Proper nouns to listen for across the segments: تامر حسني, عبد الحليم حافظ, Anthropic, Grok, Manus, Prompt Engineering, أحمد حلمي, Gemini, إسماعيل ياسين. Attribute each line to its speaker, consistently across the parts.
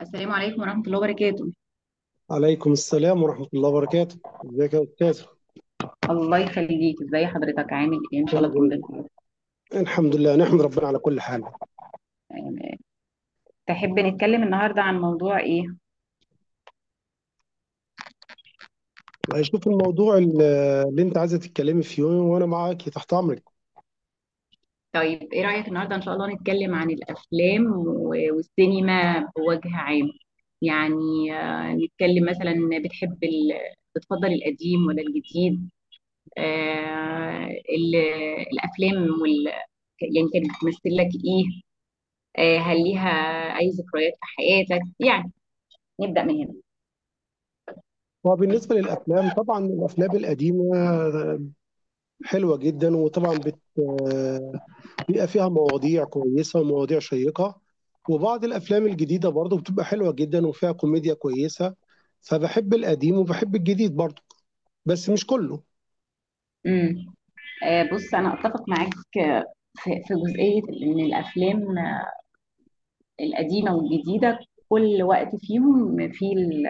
Speaker 1: السلام عليكم ورحمة الله وبركاته.
Speaker 2: عليكم السلام ورحمة الله وبركاته. ازيك يا أستاذ؟
Speaker 1: الله يخليك، ازي حضرتك؟ عامل ايه؟ ان شاء الله تكون بخير.
Speaker 2: الحمد لله، نحمد ربنا على كل حال.
Speaker 1: آه، تحب نتكلم النهاردة عن موضوع ايه؟
Speaker 2: والله شوف، اللي أنت عايزة تتكلمي فيه وأنا معاك تحت أمرك.
Speaker 1: طيب ايه رأيك النهاردة ان شاء الله نتكلم عن الافلام والسينما بوجه عام. يعني نتكلم مثلا، بتحب ال... بتفضل القديم ولا الجديد؟ آه، ال... الافلام يعني كانت بتمثل لك ايه؟ هل ليها اي ذكريات في حياتك يعني؟ نبدأ من هنا.
Speaker 2: وبالنسبة للأفلام، طبعا الأفلام القديمة حلوة جدا، وطبعا بيبقى فيها مواضيع كويسة ومواضيع شيقة. وبعض الأفلام الجديدة برضه بتبقى حلوة جدا وفيها كوميديا كويسة، فبحب القديم وبحب الجديد برضه، بس مش كله.
Speaker 1: امم بص، أنا أتفق معاك، في جزئية إن الأفلام، القديمة والجديدة، كل وقت فيهم في ال-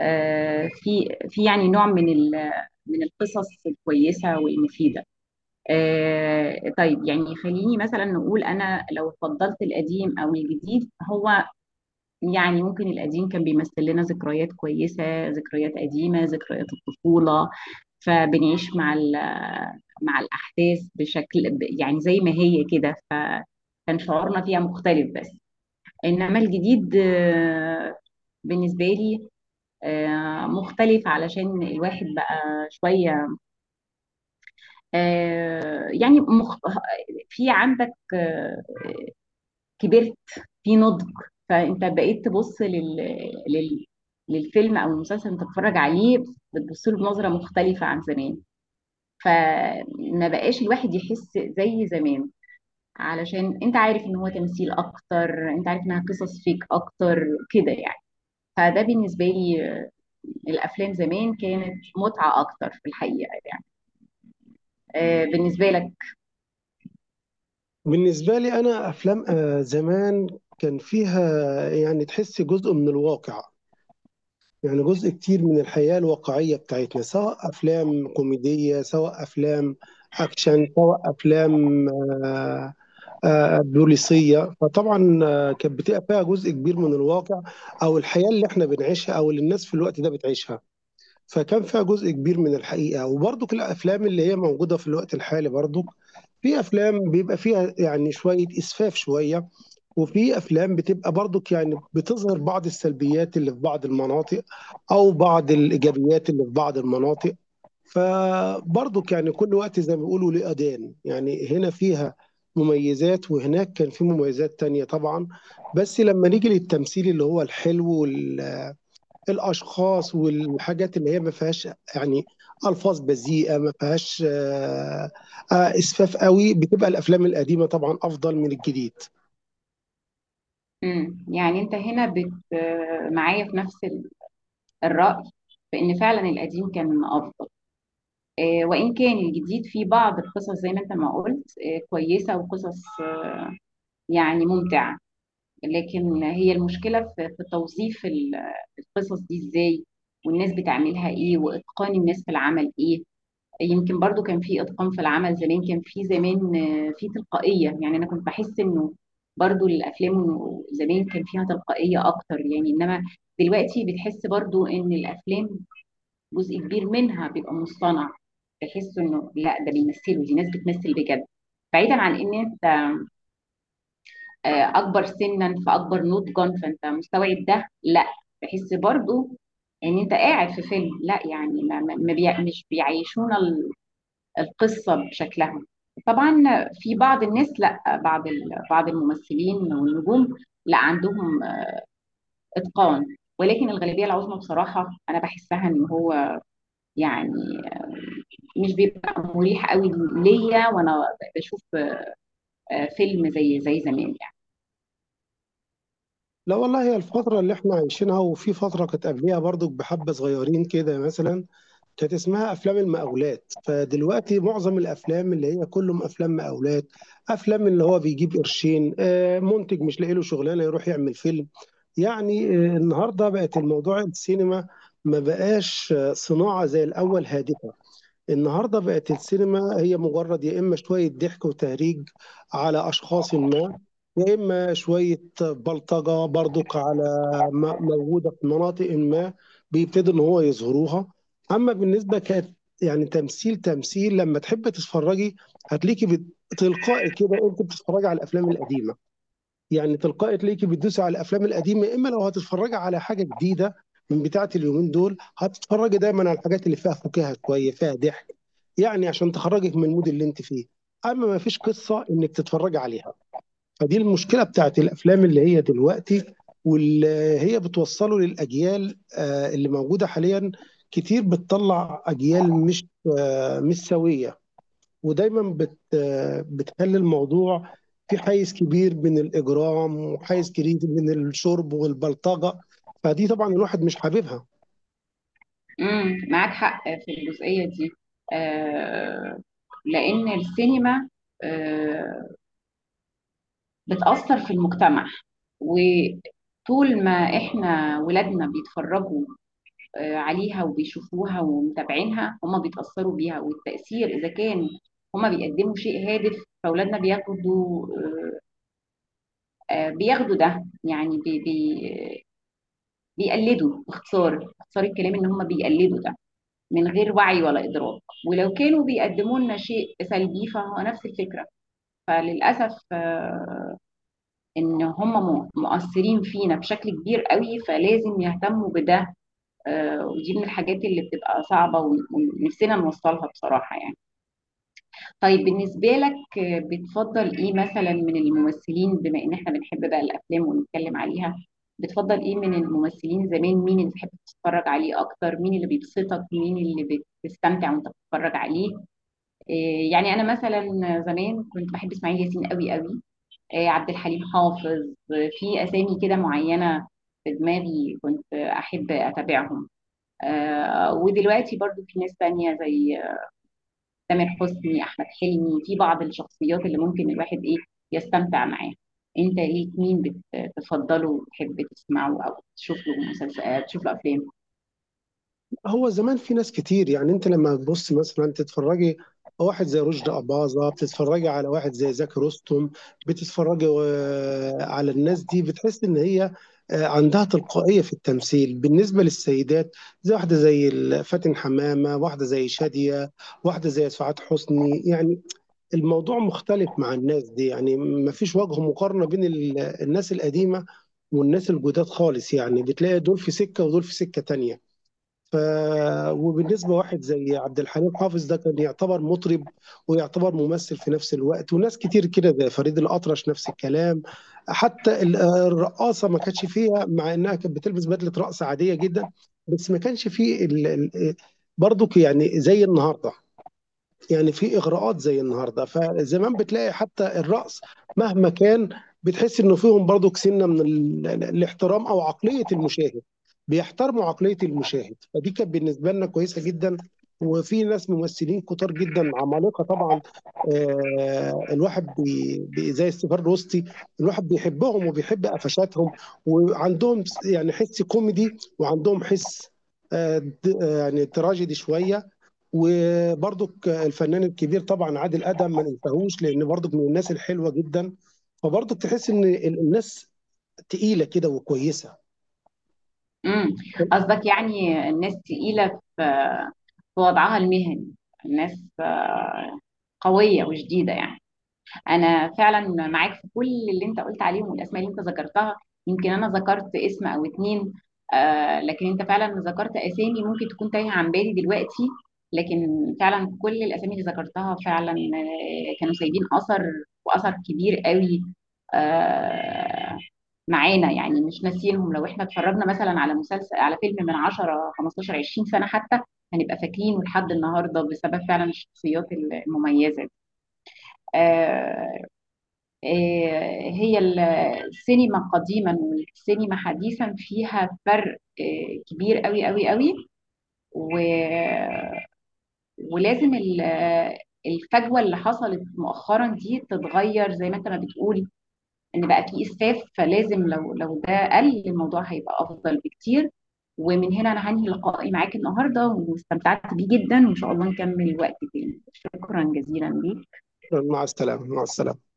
Speaker 1: آه، في في يعني نوع من القصص الكويسة والمفيدة. طيب يعني خليني مثلا نقول، أنا لو فضلت القديم أو الجديد، هو يعني ممكن القديم كان بيمثل لنا ذكريات كويسة، ذكريات قديمة، ذكريات الطفولة، فبنعيش مع مع الأحداث بشكل يعني زي ما هي كده، فكان شعورنا فيها مختلف. بس إنما الجديد، بالنسبة لي مختلف، علشان الواحد بقى شوية، آه، يعني مخ... في عندك آه، كبرت، في نضج، فانت بقيت تبص لل... للفيلم او المسلسل انت بتتفرج عليه، بتبص له بنظره مختلفه عن زمان. فما بقاش الواحد يحس زي زمان، علشان انت عارف ان هو تمثيل اكتر، انت عارف انها قصص فيك اكتر، كده يعني. فده بالنسبه لي، الافلام زمان كانت متعه اكتر في الحقيقه يعني. بالنسبه لك؟
Speaker 2: بالنسبة لي أنا، أفلام زمان كان فيها، يعني، تحس جزء من الواقع. يعني جزء كتير من الحياة الواقعية بتاعتنا، سواء أفلام كوميدية، سواء أفلام أكشن، سواء أفلام بوليسية. فطبعا كانت بتبقى فيها جزء كبير من الواقع أو الحياة اللي احنا بنعيشها، أو اللي الناس في الوقت ده بتعيشها. فكان فيها جزء كبير من الحقيقة. وبرضك الأفلام اللي هي موجودة في الوقت الحالي، برضك في أفلام بيبقى فيها يعني شوية إسفاف شوية، وفي أفلام بتبقى برضك يعني بتظهر بعض السلبيات اللي في بعض المناطق أو بعض الإيجابيات اللي في بعض المناطق. فبرضك يعني كل وقت زي ما بيقولوا ليه أذان، يعني هنا فيها مميزات وهناك كان في مميزات تانية طبعا. بس لما نيجي للتمثيل اللي هو الحلو، وال الاشخاص والحاجات اللي هي ما فيهاش، يعني، الفاظ بذيئه، ما فيهاش اسفاف قوي، بتبقى الافلام القديمه طبعا افضل من الجديد.
Speaker 1: مم. يعني انت هنا بت آه، معايا في نفس الراي، في ان فعلا القديم كان افضل. وإن كان الجديد فيه بعض القصص، زي ما أنت ما قلت، كويسة، وقصص يعني ممتعة، لكن هي المشكلة في توظيف القصص دي إزاي، والناس بتعملها إيه، وإتقان الناس في العمل إيه. يمكن برضو كان في إتقان في العمل زمان، كان في زمان في تلقائية، يعني أنا كنت بحس إنه برضو الأفلام زمان كان فيها تلقائية أكتر. يعني إنما دلوقتي بتحس برضو إن الأفلام جزء كبير منها بيبقى مصطنع، تحس انه لا ده بيمثلوا، دي ناس بتمثل بجد. بعيدا عن ان انت اكبر سنا فاكبر نضجا فانت مستوعب ده، لا، تحس برضو ان انت قاعد في فيلم، لا يعني ما ما- ما بيع مش بيعيشونا القصه بشكلها. طبعا في بعض الناس، لا، بعض الممثلين والنجوم، لا عندهم اتقان، ولكن الغالبيه العظمى بصراحه انا بحسها ان هو يعني مش بيبقى مريح قوي ليا وانا بشوف فيلم زي زمان يعني.
Speaker 2: لا والله، هي الفتره اللي احنا عايشينها، وفي فتره كانت قبليها برضو، بحبه صغيرين كده مثلا، كانت اسمها افلام المقاولات. فدلوقتي معظم الافلام اللي هي كلهم افلام مقاولات، افلام اللي هو بيجيب قرشين منتج مش لاقي له شغلانه يروح يعمل فيلم. يعني النهارده بقت الموضوع السينما ما بقاش صناعة زي الأول هادفة. النهارده بقت السينما هي مجرد يا إما شوية ضحك وتهريج على أشخاص ما، يا إما شوية بلطجة برضك على موجودة في مناطق ما، بيبتدوا إن هو يظهروها. أما بالنسبة كانت يعني تمثيل لما تحب تتفرجي، هتلاقيكي تلقائي كده، أنت بتتفرجي على الأفلام القديمة. يعني تلقائي تلاقيكي بتدوسي على الأفلام القديمة، يا إمّا لو هتتفرّجي على حاجة جديدة من بتاعة اليومين دول، هتتفرّجي دايمًا على الحاجات اللي فيها فُكاهة شوية، فيها ضحك، يعني عشان تخرّجِك من الmood اللي أنتِ فيه، أمّا ما فيش قصة إنِّك تتفرّجي عليها. فدي المشكلة بتاعة الأفلام اللي هي دلوقتي، واللي هي بتوصّله للأجيال اللي موجودة حاليًا، كتير بتطلّع أجيال مش سويّة. ودايما بتخلي الموضوع في حيز كبير من الإجرام وحيز كبير من الشرب والبلطجة، فدي طبعا الواحد مش حاببها.
Speaker 1: معاك حق في الجزئية دي. آه، لأن السينما آه، بتأثر في المجتمع، وطول ما احنا ولادنا بيتفرجوا عليها وبيشوفوها ومتابعينها، هما بيتأثروا بيها. والتأثير إذا كان هما بيقدموا شيء هادف، فأولادنا بياخدوا، بياخدوا ده، يعني بي بي بيقلدوا. باختصار، باختصار الكلام، ان هم بيقلدوا ده من غير وعي ولا ادراك. ولو كانوا بيقدموا لنا شيء سلبي فهو نفس الفكره. فللاسف ان هم مؤثرين فينا بشكل كبير قوي، فلازم يهتموا بده. ودي من الحاجات اللي بتبقى صعبه ونفسنا نوصلها بصراحه يعني. طيب بالنسبة لك، بتفضل ايه مثلا من الممثلين؟ بما ان احنا بنحب بقى الافلام ونتكلم عليها، بتفضل ايه من الممثلين زمان؟ مين اللي بتحب تتفرج عليه اكتر؟ مين اللي بيبسطك؟ مين اللي بتستمتع وانت بتتفرج عليه؟ يعني انا مثلا زمان كنت بحب اسماعيل ياسين قوي قوي، عبد الحليم حافظ، في اسامي كده معينة في دماغي كنت احب اتابعهم. ودلوقتي برضو في ناس تانية زي تامر حسني، احمد حلمي، في بعض الشخصيات اللي ممكن الواحد ايه، يستمتع معاها. انت ايه؟ مين بتفضله وتحب تسمعه او تشوف له مسلسل، تشوف له افلام؟
Speaker 2: هو زمان في ناس كتير، يعني انت لما تبص مثلا تتفرجي على واحد زي رشدي أباظة، بتتفرجي على واحد زي زكي رستم، بتتفرجي على الناس دي، بتحس ان هي عندها تلقائية في التمثيل. بالنسبة للسيدات، زي واحدة زي فاتن حمامة، واحدة زي شادية، واحدة زي سعاد حسني، يعني الموضوع مختلف مع الناس دي. يعني ما فيش وجه مقارنة بين الناس القديمة والناس الجداد خالص، يعني بتلاقي دول في سكة ودول في سكة تانية. ف... وبالنسبة واحد زي عبد الحليم حافظ، ده كان يعتبر مطرب ويعتبر ممثل في نفس الوقت، وناس كتير كده زي فريد الأطرش نفس الكلام. حتى الرقاصة ما كانتش فيها، مع إنها كانت بتلبس بدلة رقص عادية جدا، بس ما كانش فيه برضو يعني زي النهارده، يعني في إغراءات زي النهارده. فزمان بتلاقي حتى الرقص مهما كان، بتحس إنه فيهم برضك سِنّة من الاحترام أو عقلية المشاهد، بيحترموا عقلية المشاهد. فدي كانت بالنسبة لنا كويسة جدًا. وفي ناس ممثلين كتار جدًا عمالقة طبعًا، الواحد بي بي زي السيفاد الوسطي، الواحد بيحبهم وبيحب قفشاتهم، وعندهم يعني حِس كوميدي، وعندهم حِس د آه، يعني تراجيدي شوية. وبرضك الفنان الكبير طبعا عادل ادم ما ننساهوش، لان برضك من الناس الحلوه جدا. فبرضك تحس ان الناس تقيله كده وكويسه.
Speaker 1: امم قصدك يعني الناس تقيلة في في وضعها المهني، الناس قوية وشديدة يعني. انا فعلا معاك في كل اللي انت قلت عليهم، والاسماء اللي انت ذكرتها. يمكن انا ذكرت اسم او اتنين، آه، لكن انت فعلا ذكرت اسامي ممكن تكون تايهه عن بالي دلوقتي، لكن فعلا كل الاسامي اللي ذكرتها فعلا كانوا سايبين اثر، واثر كبير قوي، آه، معانا يعني، مش ناسيينهم. لو احنا اتفرجنا مثلا على مسلسل، على فيلم من 10 15 20 سنه حتى، هنبقى فاكرينه لحد النهارده، بسبب فعلا الشخصيات المميزه دي. هي السينما قديما والسينما حديثا فيها فرق كبير قوي قوي قوي. و- ولازم الفجوة اللي حصلت مؤخرا دي تتغير. زي ما انت ما بتقول ان بقى في اسفاف، فلازم لو ده قل، الموضوع هيبقى افضل بكتير. ومن هنا انا هنهي لقائي معاك النهارده، واستمتعت بيه جدا، وان شاء الله نكمل وقت تاني. شكرا جزيلا ليك.
Speaker 2: مع السلامه، مع السلامه.